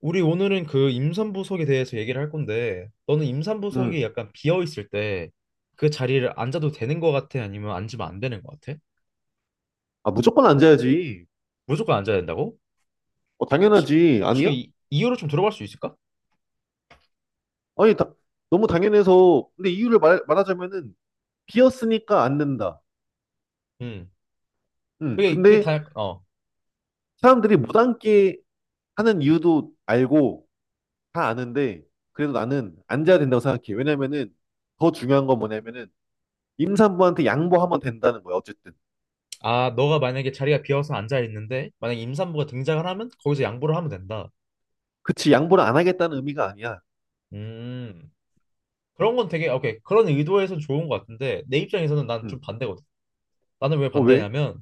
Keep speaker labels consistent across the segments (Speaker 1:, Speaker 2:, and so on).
Speaker 1: 우리 오늘은 그 임산부석에 대해서 얘기를 할 건데, 너는 임산부석이
Speaker 2: 음.
Speaker 1: 약간 비어 있을 때 그 자리를 앉아도 되는 것 같아? 아니면 앉으면 안 되는 것 같아?
Speaker 2: 아, 무조건 앉아야지.
Speaker 1: 무조건 앉아야 된다고?
Speaker 2: 어,
Speaker 1: 혹시
Speaker 2: 당연하지.
Speaker 1: 혹시 그
Speaker 2: 아니야?
Speaker 1: 이유를 좀 들어볼 수 있을까?
Speaker 2: 아니, 너무 당연해서. 근데 이유를 말하자면은, 비었으니까 앉는다.
Speaker 1: 음,
Speaker 2: 음.
Speaker 1: 그게
Speaker 2: 근데
Speaker 1: 다 약- 어.
Speaker 2: 사람들이 못 앉게 하는 이유도 알고, 다 아는데, 그래도 나는 앉아야 된다고 생각해. 왜냐면은, 더 중요한 건 뭐냐면은, 임산부한테 양보하면 된다는 거야, 어쨌든.
Speaker 1: 아, 너가 만약에 자리가 비어서 앉아 있는데 만약에 임산부가 등장을 하면 거기서 양보를 하면 된다.
Speaker 2: 그치, 양보를 안 하겠다는 의미가 아니야.
Speaker 1: 음, 그런 건 되게 오케이, 그런 의도에선 좋은 것 같은데 내 입장에서는 난 좀
Speaker 2: 음.
Speaker 1: 반대거든. 나는 왜
Speaker 2: 어, 왜?
Speaker 1: 반대냐면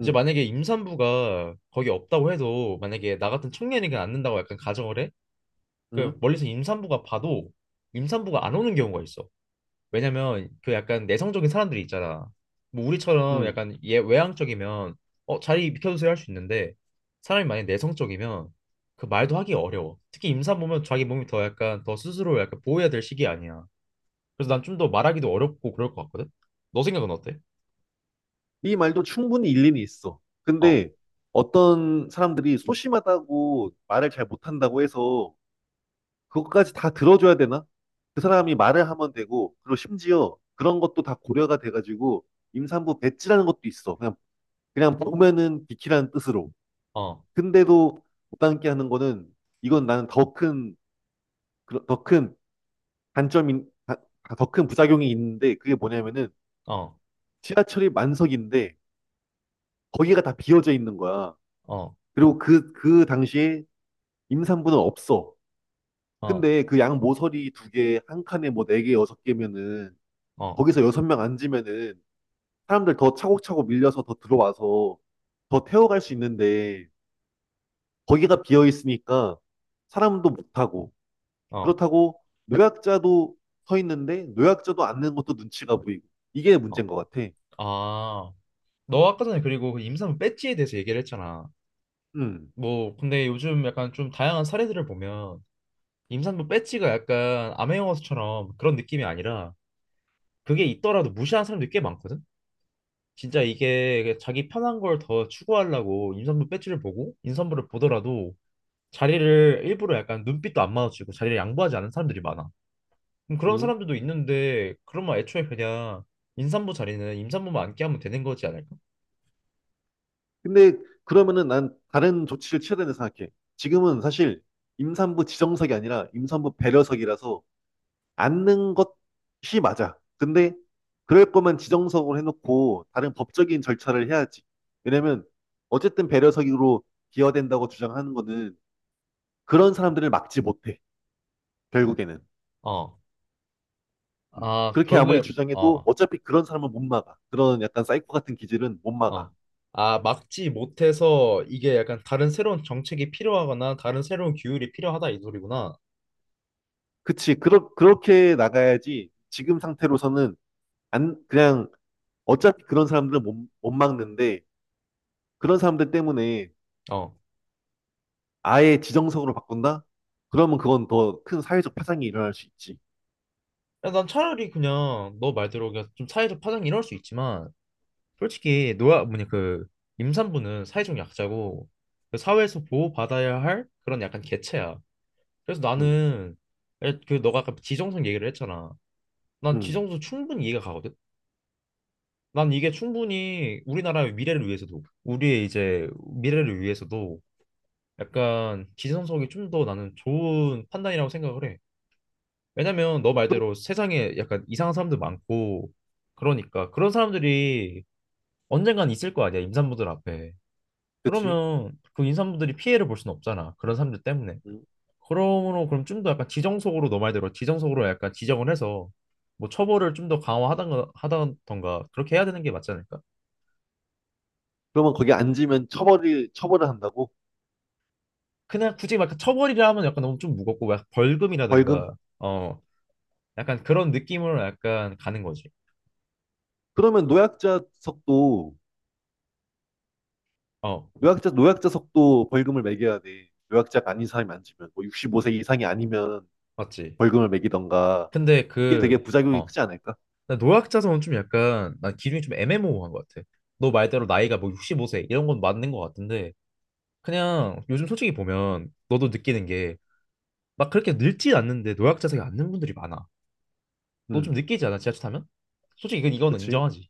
Speaker 1: 이제
Speaker 2: 음.
Speaker 1: 만약에 임산부가 거기 없다고 해도 만약에 나 같은 청년이 그냥 안 는다고 약간 가정을 해? 그
Speaker 2: 음.
Speaker 1: 멀리서 임산부가 봐도 임산부가 안 오는 경우가 있어. 왜냐면 그 약간 내성적인 사람들이 있잖아. 뭐 우리처럼
Speaker 2: 음.
Speaker 1: 약간 얘 외향적이면 어 자리 비켜주세요 할 수 있는데, 사람이 만약에 내성적이면 그 말도 하기 어려워. 특히 임산부면 자기 몸이 더 약간 더 스스로 약간 보호해야 될 시기 아니야. 그래서 난 좀 더 말하기도 어렵고 그럴 것 같거든. 너 생각은 어때?
Speaker 2: 이 말도 충분히 일리는 있어.
Speaker 1: 어,
Speaker 2: 근데 어떤 사람들이 소심하다고 말을 잘 못한다고 해서 그것까지 다 들어줘야 되나? 그 사람이 말을 하면 되고, 그리고 심지어 그런 것도 다 고려가 돼가지고 임산부 배지라는 것도 있어. 그냥, 그냥 보면은 비키라는 뜻으로.
Speaker 1: 어,
Speaker 2: 근데도 못 담게 하는 거는 이건 나는 더 큰, 더 큰 단점이 더 큰 부작용이 있는데 그게 뭐냐면은
Speaker 1: 어,
Speaker 2: 지하철이 만석인데 거기가 다 비어져 있는 거야.
Speaker 1: 어,
Speaker 2: 그리고 그 당시에 임산부는 없어.
Speaker 1: 어,
Speaker 2: 근데 그 양 모서리 두 개, 한 칸에 뭐 네 개, 여섯 개면은
Speaker 1: 어.
Speaker 2: 거기서 여섯 명 앉으면은 사람들 더 차곡차곡 밀려서 더 들어와서 더 태워갈 수 있는데 거기가 비어 있으니까 사람도 못 타고
Speaker 1: 어.
Speaker 2: 그렇다고 노약자도 서 있는데 노약자도 앉는 것도 눈치가 보이고 이게
Speaker 1: 어.
Speaker 2: 문제인 것 같아.
Speaker 1: 아, 너 아까 전에 그리고 그 임산부 배지에 대해서 얘기를 했잖아.
Speaker 2: 음,
Speaker 1: 뭐, 근데 요즘 약간 좀 다양한 사례들을 보면 임산부 배지가 약간 아메영화처럼 그런 느낌이 아니라 그게 있더라도 무시하는 사람들이 꽤 많거든? 진짜 이게 그 자기 편한 걸 더 추구하려고 임산부 배지를 보고 임산부를 보더라도 자리를 일부러 약간 눈빛도 안 마주치고 자리를 양보하지 않는 사람들이 많아. 그럼 그런
Speaker 2: 음.
Speaker 1: 사람들도 있는데 그러면 애초에 그냥 임산부 자리는 임산부만 앉게 하면 되는 거지 않을까?
Speaker 2: 근데 그러면은 난 다른 조치를 취해야 된다 생각해. 지금은 사실 임산부 지정석이 아니라 임산부 배려석이라서 않는 것이 맞아. 근데 그럴 거면 지정석으로 해놓고 다른 법적인 절차를 해야지. 왜냐면 어쨌든 배려석으로 기여된다고 주장하는 거는 그런 사람들을 막지 못해. 결국에는.
Speaker 1: 어.
Speaker 2: 음.
Speaker 1: 아,
Speaker 2: 그렇게 아무리
Speaker 1: 결국에
Speaker 2: 주장해도
Speaker 1: 어,
Speaker 2: 어차피 그런 사람은 못 막아. 그런 약간 사이코 같은 기질은 못 막아.
Speaker 1: 어. 아, 막지 못해서 이게 약간 다른 새로운 정책이 필요하거나 다른 새로운 규율이 필요하다, 이 소리구나.
Speaker 2: 그치. 그렇게 나가야지. 지금 상태로서는 안, 그냥 어차피 그런 사람들은 못 막는데 그런 사람들 때문에
Speaker 1: 어.
Speaker 2: 아예 지정석으로 바꾼다? 그러면 그건 더 큰 사회적 파장이 일어날 수 있지.
Speaker 1: 야, 난 차라리 그냥 너 말대로 그냥 좀 사회적 파장이 일어날 수 있지만 솔직히 노아 뭐냐 그 임산부는 사회적 약자고 그 사회에서 보호받아야 할 그런 약간 개체야. 그래서
Speaker 2: 응,
Speaker 1: 나는 에, 그 너가 아까 지정성 얘기를 했잖아. 난
Speaker 2: 응.
Speaker 1: 지정성 충분히 이해가 가거든. 난 이게 충분히 우리나라의 미래를 위해서도 우리의 이제 미래를 위해서도 약간 기성석이 좀 더 나는 좋은 판단이라고 생각을 해. 왜냐면 너
Speaker 2: 그럼-
Speaker 1: 말대로 세상에 약간 이상한 사람들 많고, 그러니까 그런 사람들이 언젠간 있을 거 아니야, 임산부들 앞에.
Speaker 2: 그치?
Speaker 1: 그러면 그 임산부들이 피해를 볼 수는 없잖아 그런 사람들 때문에.
Speaker 2: 응.
Speaker 1: 그러므로 그럼 좀 더 약간 지정석으로 너 말대로 지정석으로 약간 지정을 해서 뭐 처벌을 좀 더 강화하던가 하던가, 그렇게 해야 되는 게 맞지 않을까?
Speaker 2: 그러면 거기 앉으면 처벌을 한다고?
Speaker 1: 그냥 굳이 막 처벌이라 하면 약간 너무 좀 무겁고 막 벌금이라든가
Speaker 2: 벌금?
Speaker 1: 어 약간 그런 느낌으로 약간 가는 거지.
Speaker 2: 그러면 노약자석도,
Speaker 1: 어
Speaker 2: 노약자석도 벌금을 매겨야 돼. 노약자가 아닌 사람이 앉으면. 뭐 65세 이상이 아니면
Speaker 1: 맞지.
Speaker 2: 벌금을 매기던가.
Speaker 1: 근데
Speaker 2: 그게 되게 부작용이
Speaker 1: 그어
Speaker 2: 크지 않을까?
Speaker 1: 노약자성은 좀 약간 난 기준이 좀 애매모호한 것 같아. 너 말대로 나이가 뭐 65세 이런 건 맞는 것 같은데 그냥 요즘 솔직히 보면 너도 느끼는 게 막 그렇게 늙진 않는데 노약자성이 않는 분들이 많아. 너 좀
Speaker 2: 응,
Speaker 1: 느끼지 않아 지하철 타면? 솔직히 이건- 이거는
Speaker 2: 그치?
Speaker 1: 인정하지.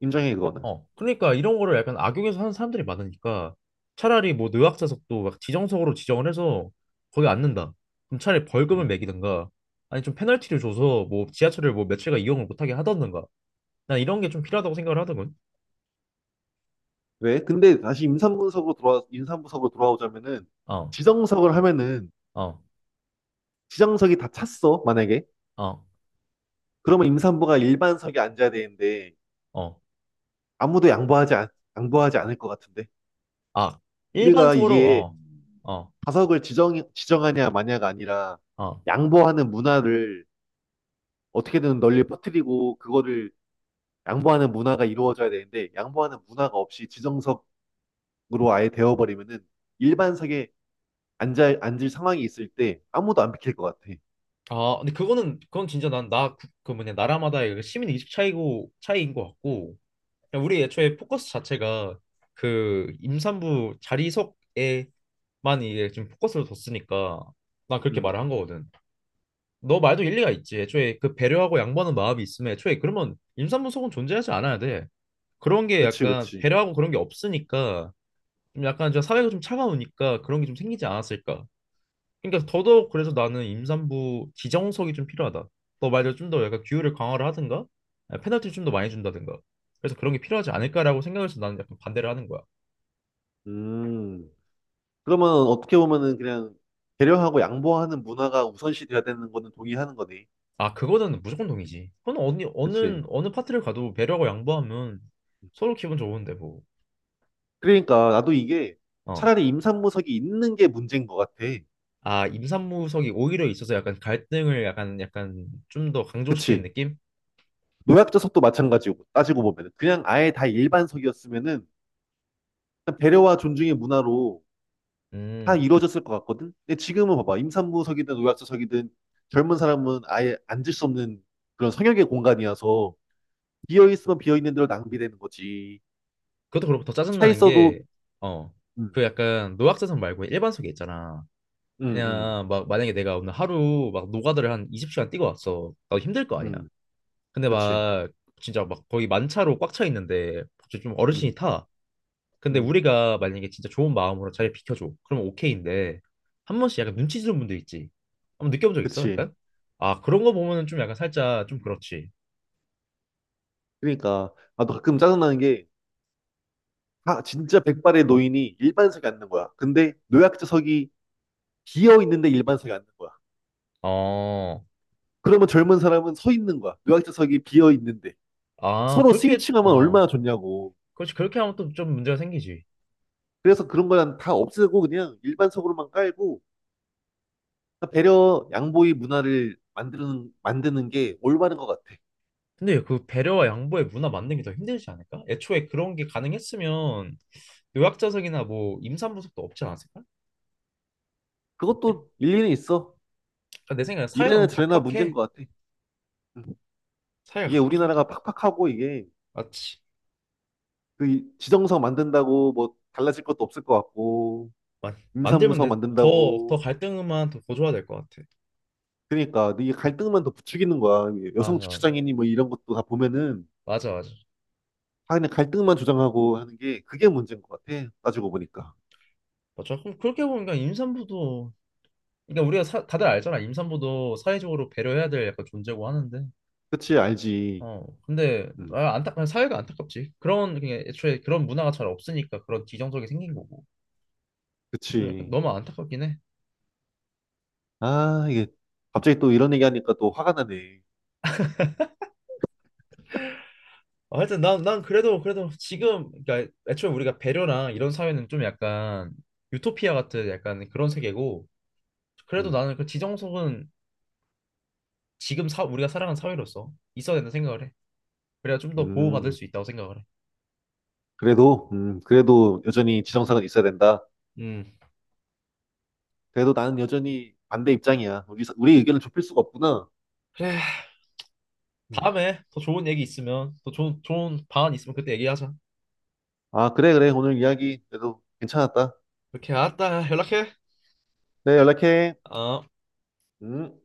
Speaker 2: 인정해, 그거는.
Speaker 1: 어, 그러니까 이런 거를 약간 악용해서 하는 사람들이 많으니까 차라리 뭐 노약자석도 막 지정석으로 지정을 해서 거기 앉는다. 그럼 차라리 벌금을
Speaker 2: 응.
Speaker 1: 매기든가, 아니 좀 페널티를 줘서 뭐 지하철을 뭐 며칠간 이용을 못하게 하던가. 난 이런 게 좀 필요하다고 생각을 하더군.
Speaker 2: 왜? 근데 다시 임산부석으로 돌아오자면은,
Speaker 1: 어,
Speaker 2: 지정석을 하면은
Speaker 1: 어,
Speaker 2: 지정석이 다 찼어, 만약에.
Speaker 1: 어,
Speaker 2: 그러면 임산부가 일반석에 앉아야 되는데
Speaker 1: 어,
Speaker 2: 아무도 양보하지, 않, 양보하지 않을 것 같은데.
Speaker 1: 아
Speaker 2: 우리가
Speaker 1: 일반석으로
Speaker 2: 이게
Speaker 1: 어, 어,
Speaker 2: 좌석을 지정하냐 마냐가 아니라
Speaker 1: 어.
Speaker 2: 양보하는 문화를 어떻게든 널리 퍼뜨리고 그거를 양보하는 문화가 이루어져야 되는데 양보하는 문화가 없이 지정석으로 아예 되어버리면은 일반석에 앉을 상황이 있을 때 아무도 안 비킬 것 같아.
Speaker 1: 아 근데 그거는 그건 진짜 난 나 그 뭐냐, 나라마다의 그 시민 의식 차이고 차이인 것 같고, 그냥 우리 애초에 포커스 자체가 그 임산부 자리석에만 이게 지금 포커스를 뒀으니까 난 그렇게
Speaker 2: 음,
Speaker 1: 말을 한 거거든. 너 말도 일리가 있지. 애초에 그 배려하고 양보하는 마음이 있으면 애초에 그러면 임산부 속은 존재하지 않아야 돼. 그런 게
Speaker 2: 그치,
Speaker 1: 약간
Speaker 2: 그치.
Speaker 1: 배려하고 그런 게 없으니까 좀 약간 저 사회가 좀 차가우니까 그런 게 좀 생기지 않았을까. 그러니까 더더욱 그래서 나는 임산부 지정석이 좀 필요하다. 너 말대로 좀 더 약간 규율을 강화를 하든가, 아니, 페널티를 좀 더 많이 준다든가. 그래서 그런 게 필요하지 않을까라고 생각해서 나는 약간 반대를 하는 거야.
Speaker 2: 음. 그러면 어떻게 보면은 그냥 배려하고 양보하는 문화가 우선시 돼야 되는 거는 동의하는 거네.
Speaker 1: 아, 그거는 무조건 동의지. 그건 어느
Speaker 2: 그치.
Speaker 1: 어느 어느 파트를 가도 배려하고 양보하면 서로 기분 좋은데 뭐.
Speaker 2: 그러니까 나도 이게
Speaker 1: 어.
Speaker 2: 차라리 임산부석이 있는 게 문제인 것 같아.
Speaker 1: 아, 임산부석이 오히려 있어서 약간 갈등을 약간 약간 좀 더 강조시키는
Speaker 2: 그치.
Speaker 1: 느낌?
Speaker 2: 노약자석도 마찬가지고 따지고 보면 은 그냥 아예 다 일반석이었으면은 그냥 배려와 존중의 문화로 다
Speaker 1: 음.
Speaker 2: 이루어졌을 것 같거든. 근데 지금은 봐봐. 임산부석이든 노약자석이든 젊은 사람은 아예 앉을 수 없는 그런 성역의 공간이어서 비어 있으면 비어 있는 대로 낭비되는 거지.
Speaker 1: 그것도 그렇고 더
Speaker 2: 차
Speaker 1: 짜증나는 게
Speaker 2: 있어도
Speaker 1: 어.
Speaker 2: 음,
Speaker 1: 그 약간 노약자석 말고 일반석이 있잖아.
Speaker 2: 음, 음.
Speaker 1: 그냥 막 만약에 내가 오늘 하루 막 노가다를 한 20시간 뛰고 왔어. 나도 힘들 거 아니야.
Speaker 2: 음.
Speaker 1: 근데
Speaker 2: 그치.
Speaker 1: 막 진짜 막 거의 만차로 꽉 차 있는데 진짜 좀 어르신이
Speaker 2: 음,
Speaker 1: 타. 근데
Speaker 2: 음,
Speaker 1: 우리가 만약에 진짜 좋은 마음으로 자리 비켜줘. 그러면 오케이인데 한 번씩 약간 눈치 주는 분들 있지. 한번 느껴본 적 있어?
Speaker 2: 그치.
Speaker 1: 약간? 아 그런 거 보면은 좀 약간 살짝 좀 그렇지.
Speaker 2: 그러니까, 나도 가끔 짜증나는 게, 아, 진짜 백발의 노인이 일반석에 앉는 거야. 근데 노약자석이 비어 있는데 일반석에 앉는 거야.
Speaker 1: 어.
Speaker 2: 그러면 젊은 사람은 서 있는 거야. 노약자석이 비어 있는데.
Speaker 1: 아
Speaker 2: 서로
Speaker 1: 그렇게
Speaker 2: 스위칭하면
Speaker 1: 어.
Speaker 2: 얼마나 좋냐고.
Speaker 1: 그렇지, 그렇게 하면 또 좀 문제가 생기지.
Speaker 2: 그래서 그런 거는 다 없애고 그냥 일반석으로만 깔고, 배려, 양보의 문화를 만드는 게 올바른 것 같아.
Speaker 1: 근데 그 배려와 양보의 문화 만드는 게 더 힘들지 않을까? 애초에 그런 게 가능했으면 요약자석이나 뭐 임산부석도 없지 않았을까? 아니,
Speaker 2: 그것도 일리는 있어.
Speaker 1: 그러니까 내 생각에 사회가
Speaker 2: 이래나
Speaker 1: 너무
Speaker 2: 저래나 문제인
Speaker 1: 각박해.
Speaker 2: 것 같아. 음.
Speaker 1: 사회가
Speaker 2: 이게
Speaker 1: 각박한 것
Speaker 2: 우리나라가
Speaker 1: 같아.
Speaker 2: 팍팍하고 이게
Speaker 1: 맞지?
Speaker 2: 그 지정서 만든다고 뭐 달라질 것도 없을 것 같고
Speaker 1: 마, 만들면
Speaker 2: 임산부서
Speaker 1: 돼. 더, 더
Speaker 2: 만든다고
Speaker 1: 갈등만 더 고조화 될것 같아.
Speaker 2: 그러니까 이게 갈등만 더 부추기는 거야.
Speaker 1: 맞아,
Speaker 2: 여성
Speaker 1: 맞아.
Speaker 2: 주차장이니 뭐 이런 것도 다 보면은
Speaker 1: 맞아, 맞아.
Speaker 2: 다 그냥 갈등만 조장하고 하는 게 그게 문제인 것 같아. 따지고 보니까
Speaker 1: 맞아. 그럼 그렇게 보니까 임산부도 그러니까 우리가 사- 다들 알잖아. 임산부도 사회적으로 배려해야 될 약간 존재고 하는데.
Speaker 2: 그치 알지.
Speaker 1: 어, 근데
Speaker 2: 음.
Speaker 1: 아, 안타 사회가 안타깝지. 그런 그냥 애초에 그런 문화가 잘 없으니까 그런 지정적이 생긴 거고. 좀 약간
Speaker 2: 그치.
Speaker 1: 너무 안타깝긴 해.
Speaker 2: 아, 이게 갑자기 또 이런 얘기하니까 또 화가 나네.
Speaker 1: 아, 하여튼 난 그래도 그래도 지금 그러니까 애초에 우리가 배려나 이런 사회는 좀 약간 유토피아 같은 약간 그런 세계고, 그래도
Speaker 2: 음,
Speaker 1: 나는 그 지정석은 지금 사, 우리가 살아가는 사회로서 있어야 된다 생각을 해. 그래야 좀 더 보호받을
Speaker 2: 음.
Speaker 1: 수 있다고 생각을 해.
Speaker 2: 그래도 그래도 여전히 지정서가 있어야 된다.
Speaker 1: 음,
Speaker 2: 그래도 나는 여전히 반대 입장이야. 우리 의견을 좁힐 수가 없구나.
Speaker 1: 그래.
Speaker 2: 음.
Speaker 1: 다음에 더 좋은 얘기 있으면 또 좋은 좋은 방안 있으면 그때 얘기하자.
Speaker 2: 아, 그래, 그래. 오늘 이야기 그래도 괜찮았다.
Speaker 1: 오케이, 알았다. 연락해.
Speaker 2: 네, 연락해.
Speaker 1: 어.
Speaker 2: 음.